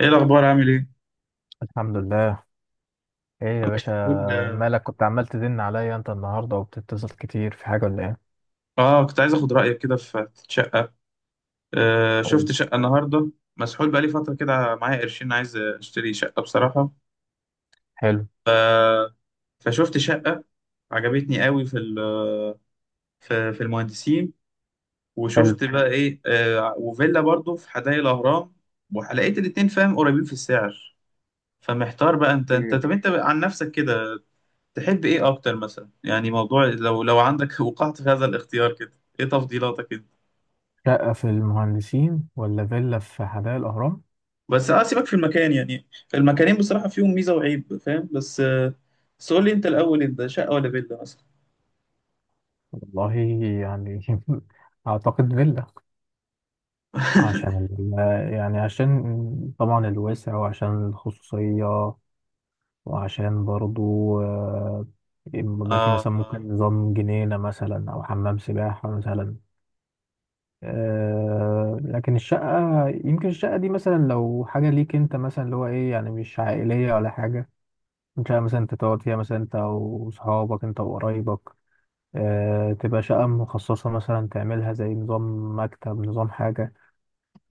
ايه الاخبار؟ عامل ايه؟ الحمد لله. ايه يا انا كنت باشا؟ بقول. مالك كنت عمال تزن عليا انت النهارده وبتتصل كتير في حاجه ولا ايه؟ اه كنت عايز اخد رايك كده في شقه. قول. شفت شقه النهارده. مسحول بقالي فتره كده، معايا قرشين عايز اشتري شقه بصراحه. حلو. فشفت شقه عجبتني قوي في المهندسين، حلو. وشفت بقى ايه وفيلا برضو في حدائق الاهرام. ولقيت الاتنين فاهم قريبين في السعر. فمحتار بقى، انت إيه؟ طب انت عن نفسك كده، تحب ايه اكتر مثلا؟ يعني موضوع لو عندك وقعت في هذا الاختيار كده، ايه تفضيلاتك؟ شقه في المهندسين ولا فيلا في حدائق الاهرام؟ بس سيبك في المكان يعني، المكانين بصراحة فيهم ميزة وعيب فاهم، بس قول لي انت الاول، انت شقة ولا فيلا مثلا؟ والله، يعني اعتقد فيلا عشان يعني عشان طبعا الوسع وعشان الخصوصيه وعشان برضو، آه، يبقى في آه، مثلا آه. ممكن نظام جنينه مثلا او حمام سباحه مثلا. لكن الشقة، يمكن الشقة دي مثلا لو حاجة ليك انت مثلا اللي هو ايه، يعني مش عائلية ولا حاجة، شقة مثلا انت تقعد فيها مثلا انت وصحابك انت وقرايبك، تبقى شقة مخصصة مثلا، تعملها زي نظام مكتب، نظام حاجة.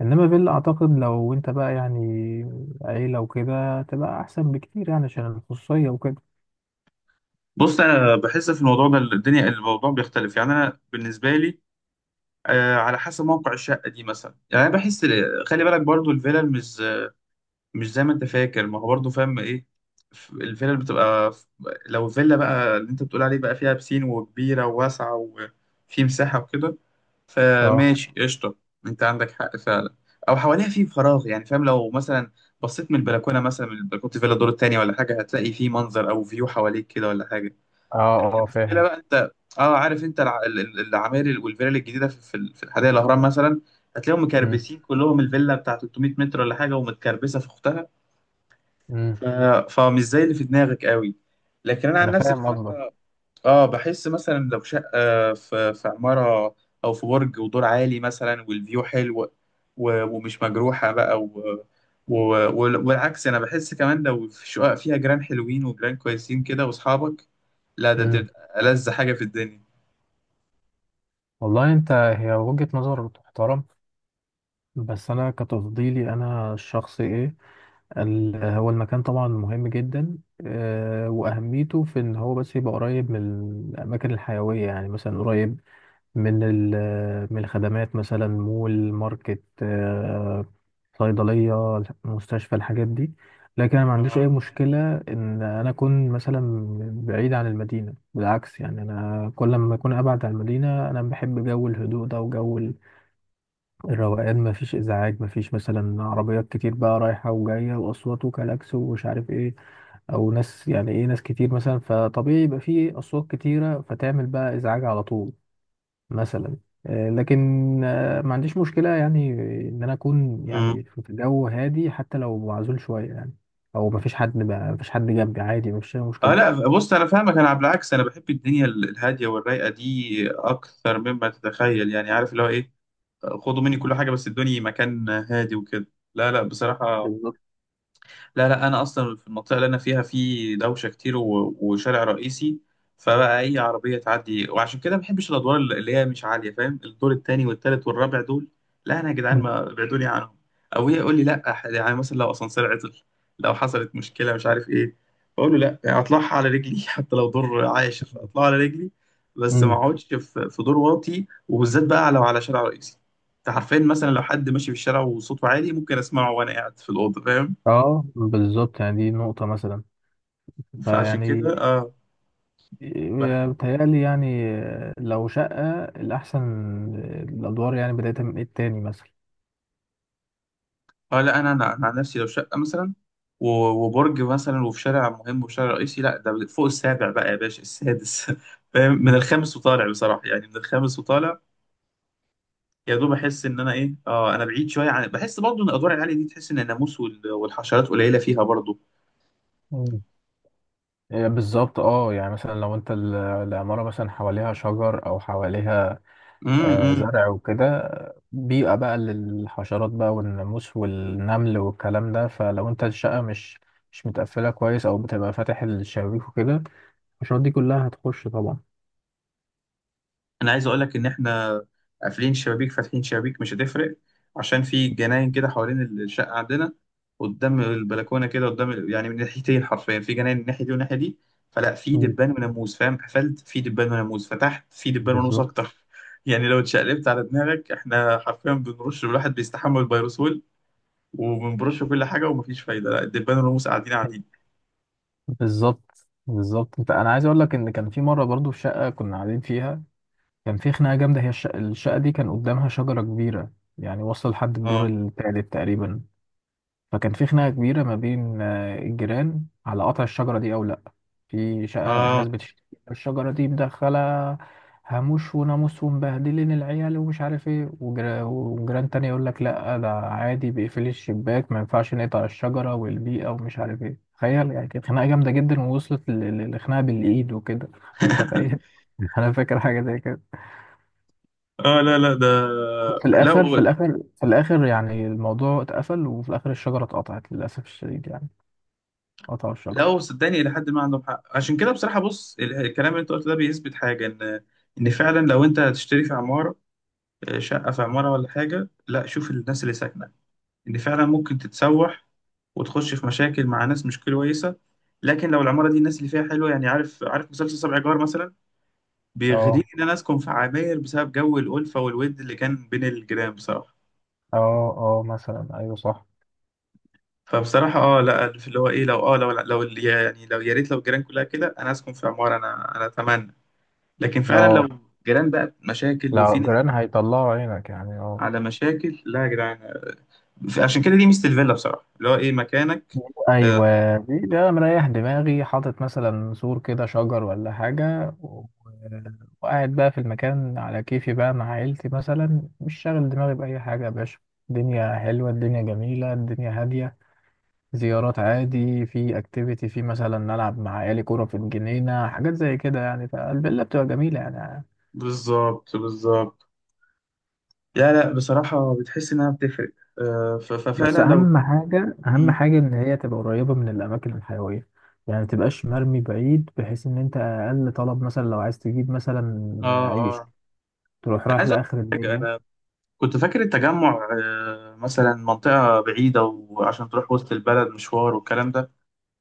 انما فيلا اعتقد لو انت بقى يعني عيلة وكده تبقى احسن بكتير يعني عشان الخصوصية وكده. بص، أنا بحس في الموضوع ده الدنيا الموضوع بيختلف، يعني أنا بالنسبة لي، على حسب موقع الشقة دي مثلا. يعني أنا بحس، خلي بالك برضو الفيلا مش زي ما انت فاكر، ما هو برضه فاهم ايه. الفيلا اللي بتبقى لو الفيلا بقى اللي انت بتقول عليه بقى فيها بسين وكبيرة وواسعة وفي مساحة وكده، اه. فماشي قشطة، انت عندك حق فعلا. او حواليها في فراغ، يعني فاهم لو مثلا بصيت من البلكونة مثلا، من البلكونة فيلا الدور التاني ولا حاجة هتلاقي في منظر او فيو حواليك كده ولا حاجة. اه. اه المشكلة فاهم. بقى انت، اه عارف انت العماير والفلل الجديدة في الحدائق الاهرام مثلا هتلاقيهم مم. مكربسين كلهم، الفيلا بتاع 300 متر ولا حاجة ومتكربسة في اختها. مم. ف... فمش زي اللي في دماغك قوي. لكن انا عن انا نفسي فاهم بصراحه قصدك. اه بحس مثلا لو شقه في عماره، او في برج ودور عالي مثلا والفيو حلو ومش مجروحه بقى و... والعكس، انا بحس كمان لو في شقق فيها جيران حلوين وجيران كويسين كده واصحابك، لا ده مم. تبقى ألذ حاجه في الدنيا. والله انت، هي وجهة نظر تحترم. بس انا كتفضيلي انا الشخصي ايه، هو المكان طبعا مهم جدا، واهميته في ان هو بس يبقى قريب من الاماكن الحيويه، يعني مثلا قريب من من الخدمات، مثلا مول، ماركت، صيدليه، مستشفى، الحاجات دي. لكن انا ما عنديش اي اه. مشكله ان انا اكون مثلا بعيد عن المدينه، بالعكس، يعني انا كل ما اكون ابعد عن المدينه انا بحب جو الهدوء ده وجو الروقان، مفيش ازعاج، مفيش مثلا عربيات كتير بقى رايحه وجايه واصوات وكلاكس ومش عارف ايه، او ناس، يعني ايه، ناس كتير مثلا فطبيعي يبقى فيه اصوات كتيره فتعمل بقى ازعاج على طول مثلا. لكن ما عنديش مشكله يعني ان انا اكون مم. يعني في جو هادي حتى لو معزول شويه يعني، او مفيش حد بقى، مفيش حد جنبي، عادي، مفيش أي آه، مشكله. لا بص انا فاهمك، انا على العكس انا بحب الدنيا الهاديه والرايقه دي اكثر مما تتخيل، يعني عارف اللي هو ايه، خدوا مني كل حاجة بس ادوني مكان هادي وكده. لا، لا بصراحة. بالظبط. لا، لا انا اصلا في المنطقه اللي انا فيها في دوشه كتير وشارع رئيسي، فبقى اي عربيه تعدي، وعشان كده ما بحبش الادوار اللي هي مش عاليه فاهم، الدور التاني والتالت والرابع دول، لا انا يا جدعان ما ابعدوني عنهم. او هي يقول لي لا يعني مثلا لو اسانسير عطل، لو حصلت مشكله مش عارف ايه، بقول له لا، يعني اطلعها على رجلي حتى لو دور عاشر اطلعها على رجلي، بس ما مم. اقعدش في في دور واطي، وبالذات بقى لو على شارع رئيسي. انت عارفين مثلا لو حد ماشي في الشارع وصوته عالي، ممكن اسمعه وانا قاعد في الاوضه فاهم. اه بالظبط، يعني دي نقطه مثلا، فعشان كده فيعني اه بح... بتهيألي يعني لو شقة، الأحسن الأدوار يعني بداية من التاني مثلا. اه لا انا انا أنا عن نفسي لو شقه مثلا و- وبرج مثلا وفي شارع مهم وشارع رئيسي، لا ده فوق السابع بقى يا باشا، السادس فاهم من الخامس وطالع بصراحه، يعني من الخامس وطالع يا دوب. احس ان انا ايه انا بعيد شويه عن، بحس برضه ان الادوار العاليه دي، تحس ان الناموس والحشرات قليله فيها برضه. مم. إيه بالظبط. اه يعني مثلا لو انت العمارة مثلا حواليها شجر او حواليها إمم، إمم. زرع وكده، بيئة بقى للحشرات بقى والناموس والنمل والكلام ده، فلو انت الشقة مش متقفلة كويس او بتبقى فاتح الشبابيك وكده، الحشرات دي كلها هتخش طبعا. انا عايز اقول لك ان احنا قافلين شبابيك فاتحين شبابيك مش هتفرق، عشان في جناين كده حوالين الشقه عندنا، قدام البلكونه كده، يعني من ناحيتين حرفيا في جناين، من الناحيه دي والناحيه دي، فلا في مم. دبان وناموس فاهم، قفلت في دبان وناموس، فتحت في دبان وناموس بالظبط. اكتر يعني لو اتشقلبت على دماغك احنا حرفيا بنرش، الواحد بيستحمل الفيروسول وبنبرش كل حاجه ومفيش فايده، لا الدبان والناموس قاعدين قاعدين. بالظبط، بالظبط، انت انا عايز اقول لك ان كان في مره برضو في شقه كنا قاعدين فيها، كان في خناقه جامده. هي الشقة دي كان قدامها شجره كبيره يعني واصله لحد الدور اه، الثالث تقريبا، فكان في خناقة كبيرة ما بين الجيران على قطع الشجرة دي أو لأ. في شقة اه ناس بتشتكي الشجرة دي مدخلة هاموش وناموس ومبهدلين العيال ومش عارف ايه، وجيران تاني يقول لك لأ، ده عادي، بيقفلي الشباك، ما ينفعش نقطع الشجرة والبيئة ومش عارف ايه. تخيل يعني، كانت خناقة جامدة جدا ووصلت لخناقة بالإيد وكده متخيل. أنا فاكر حاجة زي كده. اه لا، لا ده. وفي لا، الآخر، في الآخر يعني الموضوع اتقفل، وفي الآخر الشجرة اتقطعت للأسف الشديد يعني، قطعوا لا الشجرة. هو صدقني الى حد ما عندهم حق. عشان كده بصراحه بص الكلام اللي انت قلته ده بيثبت حاجه، ان فعلا لو انت هتشتري في عماره، آه، شقه في عماره ولا حاجه، لا شوف الناس اللي ساكنه، ان فعلا ممكن تتسوح وتخش في مشاكل مع ناس مش كويسه. لكن لو العماره دي الناس اللي فيها حلوه، يعني عارف عارف مسلسل سبع جار مثلا، بيغريني اه. ان انا اسكن في عماير بسبب جو الالفه والود اللي كان بين الجيران بصراحه. اه. اه مثلا، ايوه صح. فبصراحه لا، في اللي هو ايه، لو يعني لو، يا ريت لو الجيران كلها كده، انا اسكن في عماره، انا اتمنى. لكن فعلا لو اه جيران بقى مشاكل لا وفي ناس جيران هيطلعوا عينك يعني، اه على مشاكل، لا يا جدعان. عشان كده دي ميزة الفيلا بصراحة اللي هو ايه، مكانك. آه، ايوه، دي ده أنا مريح دماغي، حاطط مثلا سور كده، شجر ولا حاجه، وقاعد بقى في المكان على كيفي بقى مع عيلتي مثلا، مش شاغل دماغي باي حاجه يا باشا، الدنيا حلوه، الدنيا جميله، الدنيا هاديه، زيارات عادي، في اكتيفيتي، في مثلا نلعب مع عيالي كوره في الجنينه، حاجات زي كده يعني، فالفيلا بتبقى جميله يعني. بالظبط، بالظبط. لا، لا بصراحة بتحس إنها بتفرق. ففعلا بس لو. اهم حاجه، اهم مم. حاجه ان هي تبقى قريبه من الاماكن الحيويه، يعني ما تبقاش مرمي بعيد، بحيث ان انت اقل طلب مثلا لو عايز تجيب مثلا اه، عيش اه. تروح أنا رايح عايز أقول لاخر لك حاجة، الدنيا. أنا كنت فاكر التجمع آه، مثلا منطقة بعيدة وعشان تروح وسط البلد مشوار والكلام ده.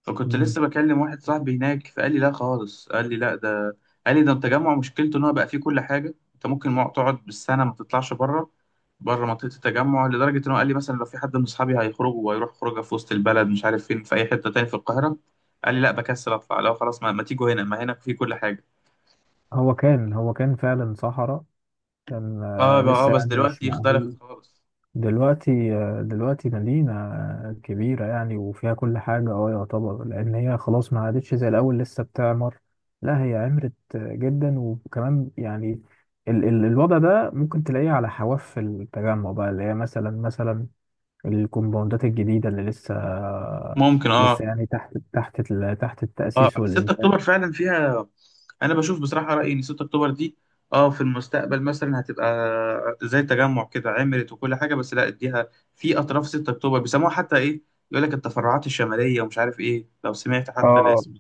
فكنت مم. لسه بكلم واحد صاحبي هناك فقال لي لا خالص، قال لي لا ده، قال لي ده التجمع مشكلته ان هو بقى فيه كل حاجه، انت ممكن تقعد بالسنه ما تطلعش بره، بره منطقه التجمع، لدرجه ان هو قال لي مثلا لو في حد من اصحابي هيخرجوا وهيروح خروجه في وسط البلد مش عارف فين، في اي حته تاني في القاهره، قال لي لا بكسل اطلع، لو خلاص ما تيجوا هنا ما هناك فيه كل حاجه. هو كان فعلا صحراء، كان اه بقى لسه بس يعني مش دلوقتي اختلفت مأهول. خالص. دلوقتي، دلوقتي مدينة كبيرة يعني وفيها كل حاجة، اه يعتبر، لأن هي خلاص ما عادتش زي الأول، لسه بتعمر. لا هي عمرت جدا، وكمان يعني ال ال الوضع ده ممكن تلاقيه على حواف التجمع بقى، اللي هي مثلا، مثلا الكومباوندات الجديدة اللي لسه ممكن. اه لسه يعني تحت اه التأسيس 6 والإنشاء. اكتوبر فعلا فيها، انا بشوف بصراحه رايي ان 6 اكتوبر دي اه في المستقبل مثلا هتبقى زي تجمع كده، عملت وكل حاجه، بس لا اديها. في اطراف 6 اكتوبر بيسموها حتى ايه، يقول لك التفرعات الشماليه ومش عارف ايه لو سمعت حتى اه. الاسم.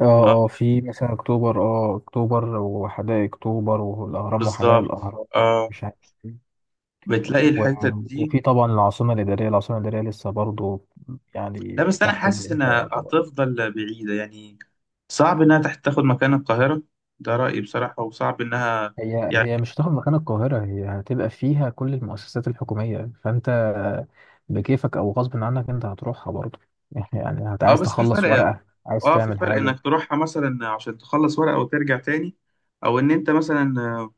اه. اه، اه في مثلا أكتوبر، اه أكتوبر وحدائق أكتوبر والأهرام وحدائق بالظبط. الأهرام، اه، مش عارف. بتلاقي و- الحته دي. وفي طبعا العاصمة الإدارية. العاصمة الإدارية لسه برضو يعني لا بس انا تحت حاسس الإنشاء انها طبعا. هتفضل بعيده يعني، صعب انها تاخد مكان القاهره، ده رايي بصراحه، وصعب انها هي يعني. هي مش هتاخد مكان القاهرة، هي هتبقى فيها كل المؤسسات الحكومية، فأنت بكيفك أو غصب عنك أنت هتروحها برضو يعني اه عايز بس في تخلص فرق، ورقة، عايز اه في تعمل فرق حاجة. انك تروحها مثلا عشان تخلص ورقة وترجع تاني، او ان انت مثلا آه،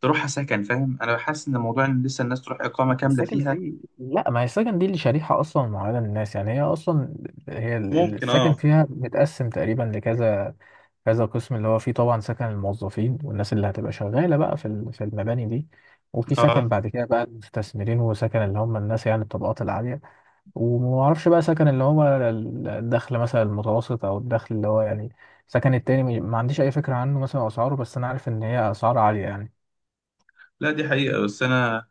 تروحها سكن فاهم. انا بحس ان موضوع ان لسه الناس تروح اقامة كاملة السكن فيها. دي، لا، ما هي السكن دي اللي شريحة أصلا معينة للناس، يعني هي أصلا هي ممكن. السكن اه فيها متقسم تقريبا لكذا، كذا قسم، اللي هو فيه طبعا سكن الموظفين والناس اللي هتبقى شغالة بقى في في المباني دي، وفي اه سكن بعد كده بقى المستثمرين، وسكن اللي هم الناس يعني الطبقات العالية، ومعرفش بقى سكن اللي هو الدخل مثلا المتوسط أو الدخل اللي هو يعني سكن التاني، ما عنديش أي فكرة عنه مثلا أسعاره، بس أنا عارف إن هي أسعار عالية يعني. لا دي حقيقة. بس انا،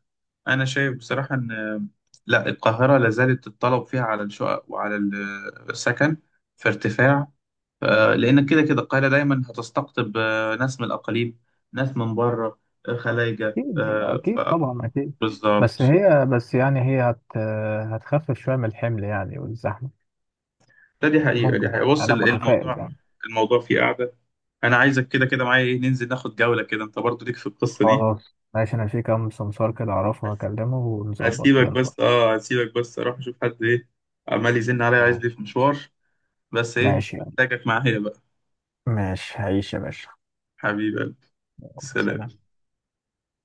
انا شايف بصراحة ان آه، لا القاهرة لازالت الطلب فيها على الشقق آه، السكن في ارتفاع. آه، لان كده كده القاهرة دايما هتستقطب آه، ناس من الاقاليم، ناس من بره، آه، خلايجة أكيد، آه، أكيد ف. طبعا، أكيد. بالظبط. بس يعني هي هت هتخفف شوية من الحمل يعني والزحمة، لا دي حقيقة، دي ممكن، حقيقة، بص أنا متفائل الموضوع، يعني. الموضوع فيه قاعدة. أنا عايزك كده كده معايا إيه، ننزل ناخد جولة كده، أنت برضو ليك في القصة دي. خلاص ماشي، انا في كام سمسار كده اعرفه، هس- هكلمه ونظبط كده هسيبك نروح. بس، هسيبك بس أروح أشوف حد إيه، عمال يزن عليا عايز دي، ماشي. في مشوار، بس إيه ماشي يعني، محتاجك معايا بقى. ماشي، هعيش يا باشا. حبيبي، خلاص، سلام. سلام.